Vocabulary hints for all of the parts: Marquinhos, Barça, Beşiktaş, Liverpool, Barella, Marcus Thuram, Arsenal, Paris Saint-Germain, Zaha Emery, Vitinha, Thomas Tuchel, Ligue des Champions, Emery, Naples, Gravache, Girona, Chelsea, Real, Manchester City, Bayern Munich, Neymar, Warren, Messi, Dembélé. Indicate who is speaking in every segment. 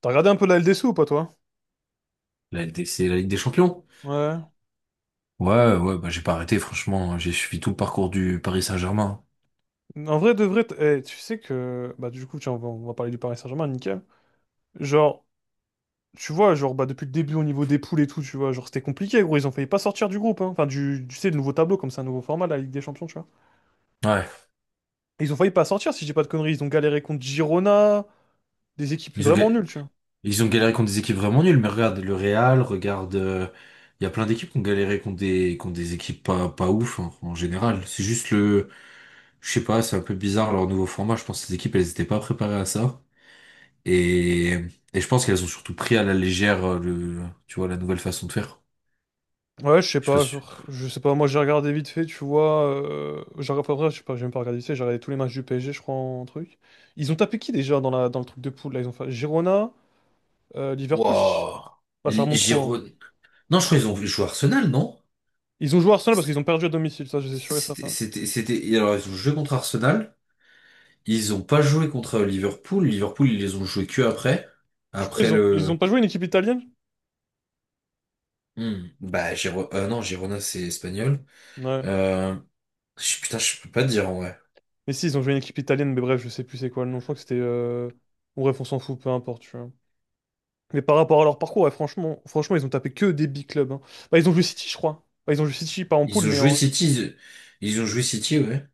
Speaker 1: T'as regardé un peu la LDC ou pas, toi?
Speaker 2: La LDC, la Ligue des Champions.
Speaker 1: Ouais.
Speaker 2: Ouais, ouais, bah j'ai pas arrêté, franchement, hein. J'ai suivi tout le parcours du Paris Saint-Germain.
Speaker 1: En vrai, de vrai, tu sais que... Bah, du coup, tiens, on va parler du Paris Saint-Germain, nickel. Genre, tu vois, genre, bah, depuis le début, au niveau des poules et tout, tu vois, genre, c'était compliqué, gros. Ils ont failli pas sortir du groupe, hein. Enfin, tu sais, le nouveau tableau, comme c'est un nouveau format, la Ligue des Champions, tu vois.
Speaker 2: Ouais.
Speaker 1: Et ils ont failli pas sortir, si j'ai pas de conneries. Ils ont galéré contre Girona, des équipes
Speaker 2: Ils ont, ga-
Speaker 1: vraiment nulles, tu vois.
Speaker 2: Ils ont galéré contre des équipes vraiment nulles, mais regarde le Real, regarde. Il y a plein d'équipes qui ont galéré contre des équipes pas ouf hein, en général. C'est juste le. Je sais pas, c'est un peu bizarre leur nouveau format. Je pense que ces équipes, elles étaient pas préparées à ça. Et, et je pense qu'elles ont surtout pris à la légère le, tu vois, la nouvelle façon de faire.
Speaker 1: Ouais, je sais
Speaker 2: Je suis pas
Speaker 1: pas, genre,
Speaker 2: sûr.
Speaker 1: je sais pas, moi, j'ai regardé vite fait, tu vois. Enfin, bref, je sais pas, j'ai même pas regardé vite fait, j'ai regardé tous les matchs du PSG, je crois, en truc. Ils ont tapé qui, déjà, dans le truc de poule, là? Ils ont fait Girona... Liverpool,
Speaker 2: Waouh!
Speaker 1: ah, ça remonte trop. Hein.
Speaker 2: Giron. Non, je crois qu'ils ont joué Arsenal, non?
Speaker 1: Ils ont joué Arsenal parce qu'ils ont perdu à domicile, ça, je suis sûr et certain.
Speaker 2: Alors, ils ont joué contre Arsenal. Ils ont pas joué contre Liverpool. Liverpool, ils les ont joués que après.
Speaker 1: Je crois
Speaker 2: Après
Speaker 1: qu'ils ont, ils
Speaker 2: le.
Speaker 1: ont pas joué une équipe italienne?
Speaker 2: Hmm. Bah, non, Girona, c'est espagnol.
Speaker 1: Ouais.
Speaker 2: Euh... Putain, je peux pas te dire, en vrai.
Speaker 1: Mais si, ils ont joué une équipe italienne, mais bref, je sais plus c'est quoi le nom. Je crois que c'était. Bon, bref, on s'en fout, peu importe, tu vois. Mais par rapport à leur parcours, ouais, franchement, franchement, ils ont tapé que des big clubs. Hein. Bah, ils ont joué City, je crois. Bah, ils ont joué City, pas en poule,
Speaker 2: Ils ont
Speaker 1: mais
Speaker 2: joué
Speaker 1: en.
Speaker 2: City. Ils ont joué City, ouais.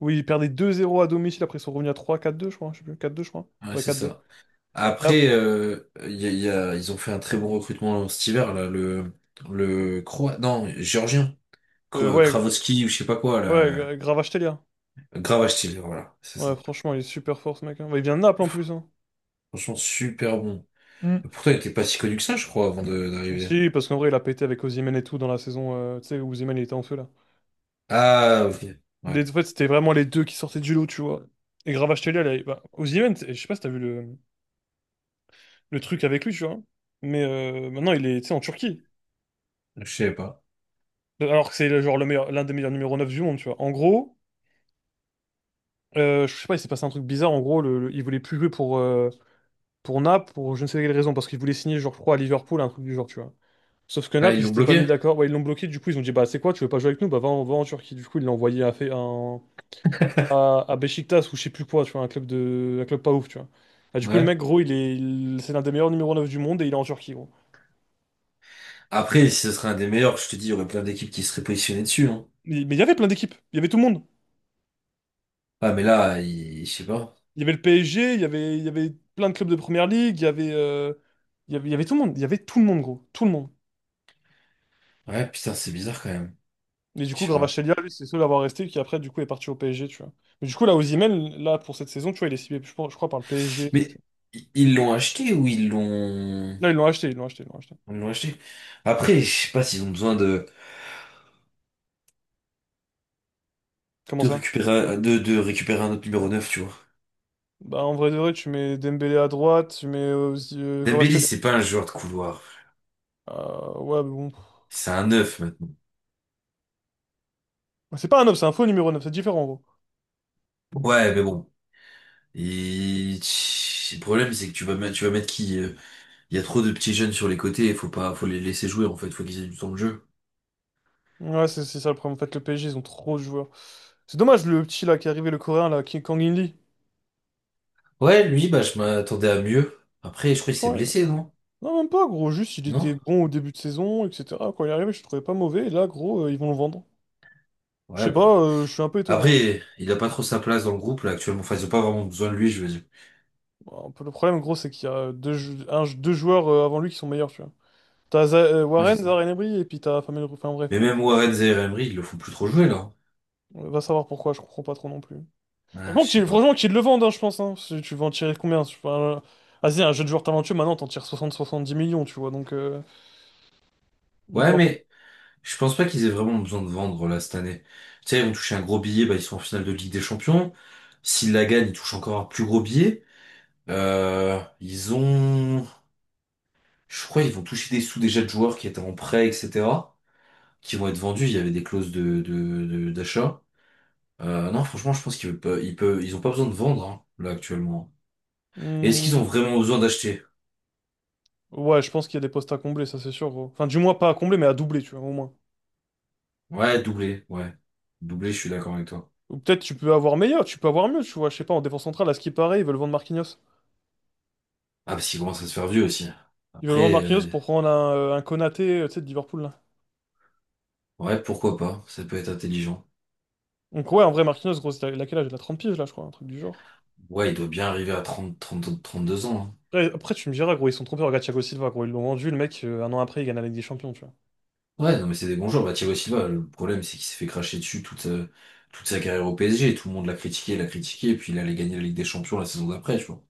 Speaker 1: Oui, ils perdaient 2-0 à domicile, après ils sont revenus à trois quatre deux je crois. Je sais plus, quatre deux je crois.
Speaker 2: Ouais,
Speaker 1: Ouais,
Speaker 2: c'est
Speaker 1: quatre deux.
Speaker 2: ça.
Speaker 1: Et ap-
Speaker 2: Après, ils ont fait un très bon recrutement cet hiver, là. Le. Le croate. Non, Géorgien.
Speaker 1: euh, ouais,
Speaker 2: Kravoski, ou je sais pas quoi,
Speaker 1: ouais,
Speaker 2: là.
Speaker 1: Gravachetelia.
Speaker 2: Gravache, voilà. C'est ça.
Speaker 1: Ouais, franchement, il est super fort, ce mec. Hein. Bah, il vient de Naples en plus. Hein.
Speaker 2: Franchement, super bon. Pourtant, il était pas si connu que ça, je crois, d'arriver.
Speaker 1: Si, parce qu'en vrai, il a pété avec Osimhen et tout dans la saison, tu sais, où Osimhen il était en feu là.
Speaker 2: Ah, ok. Ouais.
Speaker 1: En fait, c'était vraiment les deux qui sortaient du lot, tu vois. Et Gravatachelia, là, bah, Osimhen, je sais pas si t'as vu le truc avec lui, tu vois. Mais maintenant, il est, tu sais, en Turquie.
Speaker 2: Je sais pas.
Speaker 1: Alors que c'est genre le meilleur, l'un des meilleurs numéro 9 du monde, tu vois. En gros, je sais pas, il s'est passé un truc bizarre. En gros, il voulait plus jouer pour Naples, pour je ne sais quelle raison, parce qu'il voulait signer, genre, je crois, à Liverpool, un truc du genre, tu vois. Sauf que
Speaker 2: Ah,
Speaker 1: Naples,
Speaker 2: ils
Speaker 1: ils
Speaker 2: l'ont
Speaker 1: s'étaient pas mis
Speaker 2: bloqué?
Speaker 1: d'accord. Ouais, ils l'ont bloqué, du coup, ils ont dit, bah, c'est quoi, tu veux pas jouer avec nous? Bah, va en Turquie. Du coup, ils l'ont envoyé à fait un à Beşiktaş ou je sais plus quoi, tu vois, un club pas ouf, tu vois. Ah, du coup, le mec,
Speaker 2: Ouais.
Speaker 1: gros, c'est l'un des meilleurs numéro 9 du monde et il est en Turquie, gros.
Speaker 2: Après, si ce serait un des meilleurs, je te dis, il y aurait plein d'équipes qui seraient positionnées dessus, hein.
Speaker 1: Mais il y avait plein d'équipes, il y avait tout le monde.
Speaker 2: Ah, mais là, je sais pas.
Speaker 1: Il y avait le PSG, il y avait plein de clubs de première ligue, il y avait, il y avait tout le monde, il y avait tout le monde, gros, tout le monde.
Speaker 2: Ouais, putain, c'est bizarre quand même.
Speaker 1: Et du
Speaker 2: Je
Speaker 1: coup,
Speaker 2: sais pas.
Speaker 1: Gravatachelia, lui, c'est le seul à avoir resté qui après, du coup, est parti au PSG, tu vois. Mais du coup, là, Osimhen, là, pour cette saison, tu vois, il est ciblé, je crois, par le PSG et tout, tu
Speaker 2: Mais ils l'ont acheté ou ils l'ont...
Speaker 1: vois. Là, ils l'ont acheté, ils l'ont acheté, ils l'ont acheté.
Speaker 2: Ils l'ont acheté. Après, je sais pas s'ils ont besoin
Speaker 1: Comment ça?
Speaker 2: de récupérer un autre numéro 9, tu vois.
Speaker 1: Bah, en vrai de vrai, tu mets Dembélé à droite, tu mets aussi,
Speaker 2: Dembélé,
Speaker 1: Gravatachelia.
Speaker 2: c'est pas un joueur de couloir.
Speaker 1: Ouais, mais bon.
Speaker 2: C'est un 9 maintenant.
Speaker 1: Bah, c'est pas un 9, c'est un faux numéro 9. C'est différent en gros.
Speaker 2: Ouais, mais bon. Et tch, le problème, c'est que tu vas mettre qui? Il y a trop de petits jeunes sur les côtés, il faut pas, faut les laisser jouer en fait, faut qu'ils aient du temps de jeu.
Speaker 1: Ouais, c'est ça le problème. En fait, le PSG, ils ont trop de joueurs. C'est dommage le petit là qui est arrivé, le coréen là, qui est Kang In-lee.
Speaker 2: Ouais, lui, bah, je m'attendais à mieux. Après, je crois qu'il s'est
Speaker 1: Franchement,
Speaker 2: blessé, non?
Speaker 1: non, même pas gros. Juste, il était
Speaker 2: Non?
Speaker 1: bon au début de saison, etc. Quand il est arrivé, je le trouvais pas mauvais. Et là, gros, ils vont le vendre. Je
Speaker 2: Ouais,
Speaker 1: sais pas,
Speaker 2: bah.
Speaker 1: je suis un peu étonné, en vrai.
Speaker 2: Après, il a pas trop sa place dans le groupe là actuellement. Enfin, ils ont pas vraiment besoin de lui, je veux dire.
Speaker 1: Bon, un peu, le problème, gros, c'est qu'il y a deux joueurs avant lui qui sont meilleurs, tu vois. T'as
Speaker 2: Ouais, c'est
Speaker 1: Warren,
Speaker 2: ça.
Speaker 1: Zaha Emery, et puis t'as Famel. Enfin bref,
Speaker 2: Mais même Warren et Emery, ils le font plus trop jouer là.
Speaker 1: va savoir pourquoi, je comprends pas trop non plus.
Speaker 2: Ah, je
Speaker 1: Franchement
Speaker 2: sais
Speaker 1: qu'il
Speaker 2: pas.
Speaker 1: franchement, qu'ils le vendent, hein, je pense. Hein. Si tu vas en tirer combien? Tu vois, vas-y, un jeu de joueur talentueux, maintenant, t'en tires 60-70 millions, tu vois. Donc
Speaker 2: Ouais,
Speaker 1: en-
Speaker 2: mais je pense pas qu'ils aient vraiment besoin de vendre là cette année. Tu sais, ils vont toucher un gros billet, bah ils sont en finale de Ligue des Champions. S'ils la gagnent, ils touchent encore un plus gros billet. Euh, ils ont, je crois, ils vont toucher des sous déjà de joueurs qui étaient en prêt, etc., qui vont être vendus. Il y avait des clauses d'achat. Non, franchement, je pense qu'ils peuvent, ils ont pas besoin de vendre, hein, là, actuellement. Et est-ce qu'ils ont
Speaker 1: Hmm,
Speaker 2: vraiment besoin d'acheter?
Speaker 1: ouais, je pense qu'il y a des postes à combler, ça c'est sûr, gros. Enfin, du moins, pas à combler, mais à doubler, tu vois, au moins.
Speaker 2: Ouais. Doublé, je suis d'accord avec toi.
Speaker 1: Ou peut-être tu peux avoir meilleur, tu peux avoir mieux, tu vois. Je sais pas, en défense centrale, à ce qui paraît, ils veulent vendre Marquinhos.
Speaker 2: Ah, parce qu'ils commencent à se faire vieux aussi.
Speaker 1: Ils veulent vendre
Speaker 2: Après,
Speaker 1: Marquinhos pour prendre un Konaté, tu sais, de Liverpool, là.
Speaker 2: ouais, pourquoi pas? Ça peut être intelligent.
Speaker 1: Donc, ouais, en vrai, Marquinhos, gros, il a quel âge? Il a 30 piges, là, je crois, un truc du genre.
Speaker 2: Ouais, il doit bien arriver à 32 ans, hein.
Speaker 1: Après, tu me diras, gros, ils sont trompés. Regarde Thiago Silva, gros, ils l'ont vendu, le mec, un an après, il gagne la Ligue des Champions, tu vois.
Speaker 2: Ouais, non, mais c'est des bons joueurs. Bah, Thiago Silva, le problème, c'est qu'il s'est fait cracher dessus toute sa carrière au PSG. Tout le monde l'a critiqué, et puis il allait gagner la Ligue des Champions la saison d'après, je crois.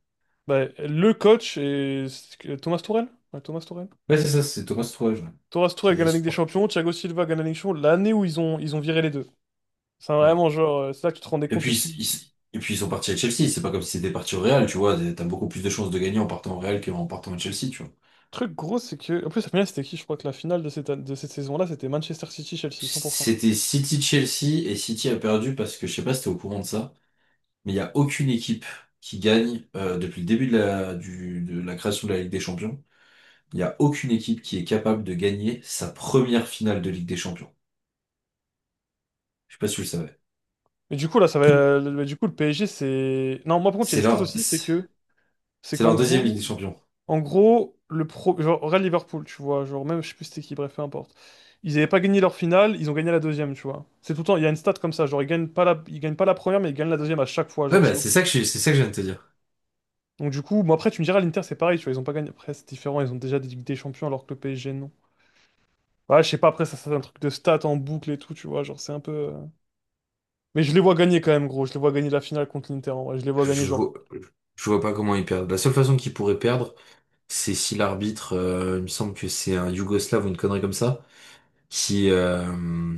Speaker 1: Bah, le coach est Thomas Tuchel? Ouais, Thomas Tuchel.
Speaker 2: Ouais, c'est ça, c'est Thomas Tuchel, ouais.
Speaker 1: Thomas
Speaker 2: Qui
Speaker 1: Tuchel
Speaker 2: l'a-
Speaker 1: gagne
Speaker 2: ils
Speaker 1: la Ligue
Speaker 2: sont-
Speaker 1: des Champions, Thiago Silva gagne la Ligue des Champions, l'année où ils ont viré les deux. C'est
Speaker 2: Ouais.
Speaker 1: vraiment genre, c'est là que tu te rendais
Speaker 2: Et
Speaker 1: compte
Speaker 2: puis,
Speaker 1: aussi.
Speaker 2: ils sont partis à Chelsea. C'est pas comme si c'était parti au Real, tu vois. T'as beaucoup plus de chances de gagner en partant au Real qu'en partant à Chelsea, tu vois.
Speaker 1: Le truc gros, c'est que. En plus, la finale, c'était qui? Je crois que la finale de cette saison-là, c'était Manchester City-Chelsea, 100%.
Speaker 2: C'était City-Chelsea, et City a perdu parce que, je sais pas si t'es au courant de ça, mais il y a aucune équipe qui gagne, depuis le début de la création de la Ligue des Champions. Il n'y a aucune équipe qui est capable de gagner sa première finale de Ligue des Champions. Je sais pas si tu le savais.
Speaker 1: Mais du coup, là, ça
Speaker 2: Tout-
Speaker 1: va, mais du coup, le PSG, c'est. Non, moi, par contre, il y a
Speaker 2: C'est
Speaker 1: une stat
Speaker 2: leur,
Speaker 1: aussi, c'est
Speaker 2: c'est
Speaker 1: qu'en
Speaker 2: leur deuxième Ligue des
Speaker 1: gros,
Speaker 2: Champions.
Speaker 1: en gros, le pro, genre Real Liverpool, tu vois, genre même, je sais plus c'était qui, bref, peu importe. Ils n'avaient pas gagné leur finale, ils ont gagné la deuxième, tu vois. C'est tout le temps, il y a une stat comme ça, genre ils gagnent pas la première, mais ils gagnent la deuxième à chaque fois,
Speaker 2: Ouais,
Speaker 1: genre
Speaker 2: bah,
Speaker 1: c'est
Speaker 2: c'est
Speaker 1: obligé.
Speaker 2: ça que c'est ça que je viens de te dire.
Speaker 1: Donc du coup, bon après tu me diras, l'Inter c'est pareil, tu vois, ils ont pas gagné, après c'est différent, ils ont déjà des Ligues des Champions alors que le PSG non. Ouais, je sais pas, après ça c'est un truc de stats en boucle et tout, tu vois, genre c'est un peu... Mais je les vois gagner quand même, gros, je les vois gagner la finale contre l'Inter, en vrai, je les vois
Speaker 2: Je,
Speaker 1: gagner
Speaker 2: je
Speaker 1: genre...
Speaker 2: vois, je vois pas comment ils perdent. La seule façon qu'ils pourraient perdre, c'est si l'arbitre, il me semble que c'est un Yougoslave ou une connerie comme ça, qui, euh,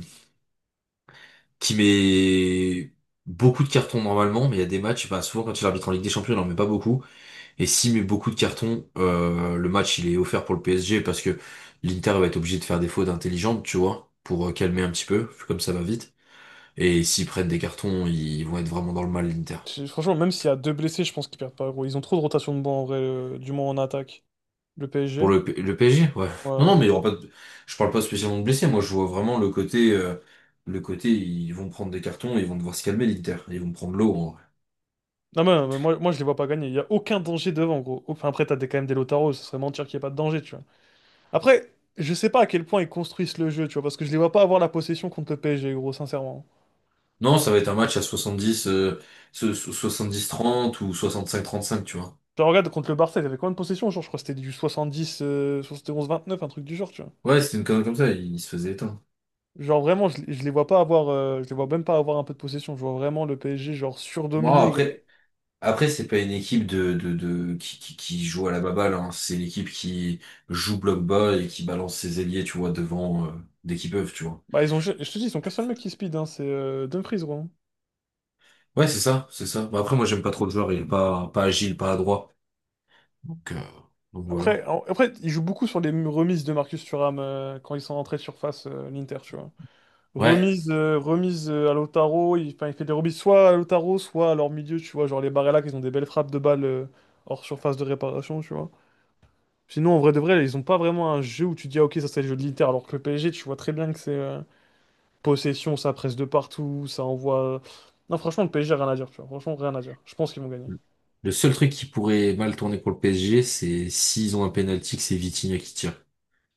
Speaker 2: qui met beaucoup de cartons normalement, mais il y a des matchs, bah, souvent quand il arbitre en Ligue des Champions, il en met pas beaucoup. Et s'il met beaucoup de cartons, le match il est offert pour le PSG parce que l'Inter va être obligé de faire des fautes intelligentes, tu vois, pour calmer un petit peu, vu comme ça va vite. Et s'ils prennent des cartons, ils vont être vraiment dans le mal, l'Inter.
Speaker 1: Franchement, même s'il y a deux blessés, je pense qu'ils perdent pas, gros. Ils ont trop de rotation de banc, en vrai, du moins en attaque. Le
Speaker 2: Pour
Speaker 1: PSG?
Speaker 2: le PSG, ouais. Non, non,
Speaker 1: Ouais.
Speaker 2: mais il y aura pas de... je parle pas spécialement de blessés. Moi, je vois vraiment le côté, ils vont prendre des cartons, ils vont devoir se calmer, l'Inter. Ils vont prendre l'eau, en vrai.
Speaker 1: Non, mais moi, je les vois pas gagner. Il y a aucun danger devant, gros. Enfin, après, t'as des, quand même des Lautaro, ce serait mentir qu'il n'y ait pas de danger, tu vois. Après, je sais pas à quel point ils construisent le jeu, tu vois, parce que je les vois pas avoir la possession contre le PSG, gros, sincèrement.
Speaker 2: Non, ça va être un match à 70, 70-30 ou 65-35, tu vois.
Speaker 1: Genre, regarde, contre le Barça, ils avaient combien de possession? Genre, je crois que c'était du 70, 71-29, un truc du genre, tu vois.
Speaker 2: Ouais, c'était une connerie comme ça, il se faisait éteindre.
Speaker 1: Genre, vraiment, je les vois pas avoir, je les vois même pas avoir un peu de possession. Je vois vraiment le PSG, genre,
Speaker 2: Bon,
Speaker 1: surdominer et gagner.
Speaker 2: après. Après, c'est pas une équipe de qui, qui joue à la baballe, hein. C'est l'équipe qui joue bloc bas et qui balance ses ailiers, tu vois, devant dès qu'ils peuvent, tu vois.
Speaker 1: Bah, ils ont, je te dis, ils ont qu'un seul mec qui speed, hein, c'est Dumfries, gros.
Speaker 2: Ouais, c'est ça, c'est ça. Bah, après, moi, j'aime pas trop le joueur, il est pas agile, pas adroit. Donc, euh, donc voilà.
Speaker 1: Après, après, ils jouent beaucoup sur les remises de Marcus Thuram quand ils sont rentrés de surface, l'Inter, tu vois.
Speaker 2: Ouais.
Speaker 1: Remise, à Lautaro, il, enfin, il fait des remises soit à Lautaro, soit à leur milieu, tu vois. Genre les Barella, qui ont des belles frappes de balles hors surface de réparation, tu vois. Sinon, en vrai de vrai, ils ont pas vraiment un jeu où tu dis, ah, ok, ça c'est le jeu de l'Inter, alors que le PSG, tu vois très bien que c'est possession, ça presse de partout, ça envoie. Non, franchement, le PSG, rien à dire, tu vois. Franchement, rien à dire. Je pense qu'ils vont gagner.
Speaker 2: Le seul truc qui pourrait mal tourner pour le PSG, c'est s'ils ont un penalty, que c'est Vitinha qui tire.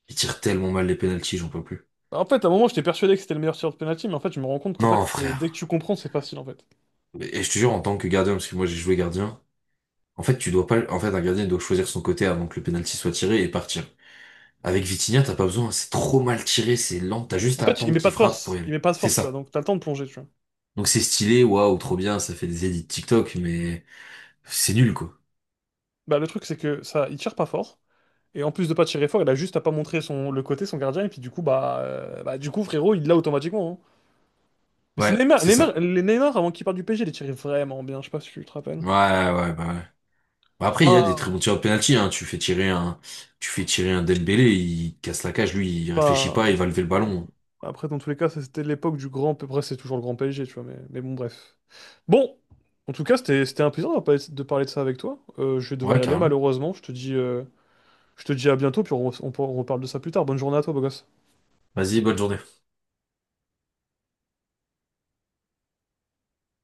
Speaker 2: Il tire tellement mal les penalties, j'en peux plus.
Speaker 1: En fait, à un moment, j'étais persuadé que c'était le meilleur tireur de penalty, mais en fait, je me rends compte qu'en fait,
Speaker 2: Non,
Speaker 1: c'est dès que
Speaker 2: frère.
Speaker 1: tu comprends, c'est facile, en fait.
Speaker 2: Et je te jure, en tant que gardien, parce que moi j'ai joué gardien, en fait, tu dois pas, en fait, un gardien il doit choisir son côté avant que le penalty soit tiré et partir. Avec Vitinha, t'as pas besoin, c'est trop mal tiré, c'est lent, t'as juste
Speaker 1: En
Speaker 2: à
Speaker 1: fait, il
Speaker 2: attendre
Speaker 1: met pas
Speaker 2: qu'il
Speaker 1: de
Speaker 2: frappe pour y
Speaker 1: force. Il
Speaker 2: aller.
Speaker 1: met pas de
Speaker 2: C'est
Speaker 1: force, tu vois.
Speaker 2: ça.
Speaker 1: Donc, t'as le temps de plonger, tu vois.
Speaker 2: Donc c'est stylé, waouh, trop bien, ça fait des edits TikTok, mais c'est nul, quoi.
Speaker 1: Bah, le truc, c'est que ça, il tire pas fort. Et en plus de pas tirer fort, il a juste à pas montrer son, le côté, son gardien. Et puis, du coup, frérot, il l'a automatiquement. Hein. Mais c'est
Speaker 2: Ouais,
Speaker 1: Neymar,
Speaker 2: c'est ça.
Speaker 1: Neymar, les Neymar, avant qu'il parte du PSG, les tirait vraiment bien. Je sais pas si tu te rappelles.
Speaker 2: Ouais, ouais. Bah après, il y a des très
Speaker 1: Enfin,
Speaker 2: bons tireurs de penalty, hein. Tu fais tirer un Dembélé, il casse la cage, lui, il réfléchit pas, il
Speaker 1: enfin,
Speaker 2: va lever le ballon.
Speaker 1: après, dans tous les cas, ça, c'était l'époque du grand. Après, c'est toujours le grand PSG, tu vois. Mais, bon, bref. Bon, en tout cas, c'était un plaisir de parler de ça avec toi. Je vais devoir
Speaker 2: Ouais,
Speaker 1: y aller
Speaker 2: carrément.
Speaker 1: malheureusement. Je te dis à bientôt, puis on reparle de ça plus tard. Bonne journée à toi, beau gosse.
Speaker 2: Vas-y, bonne journée.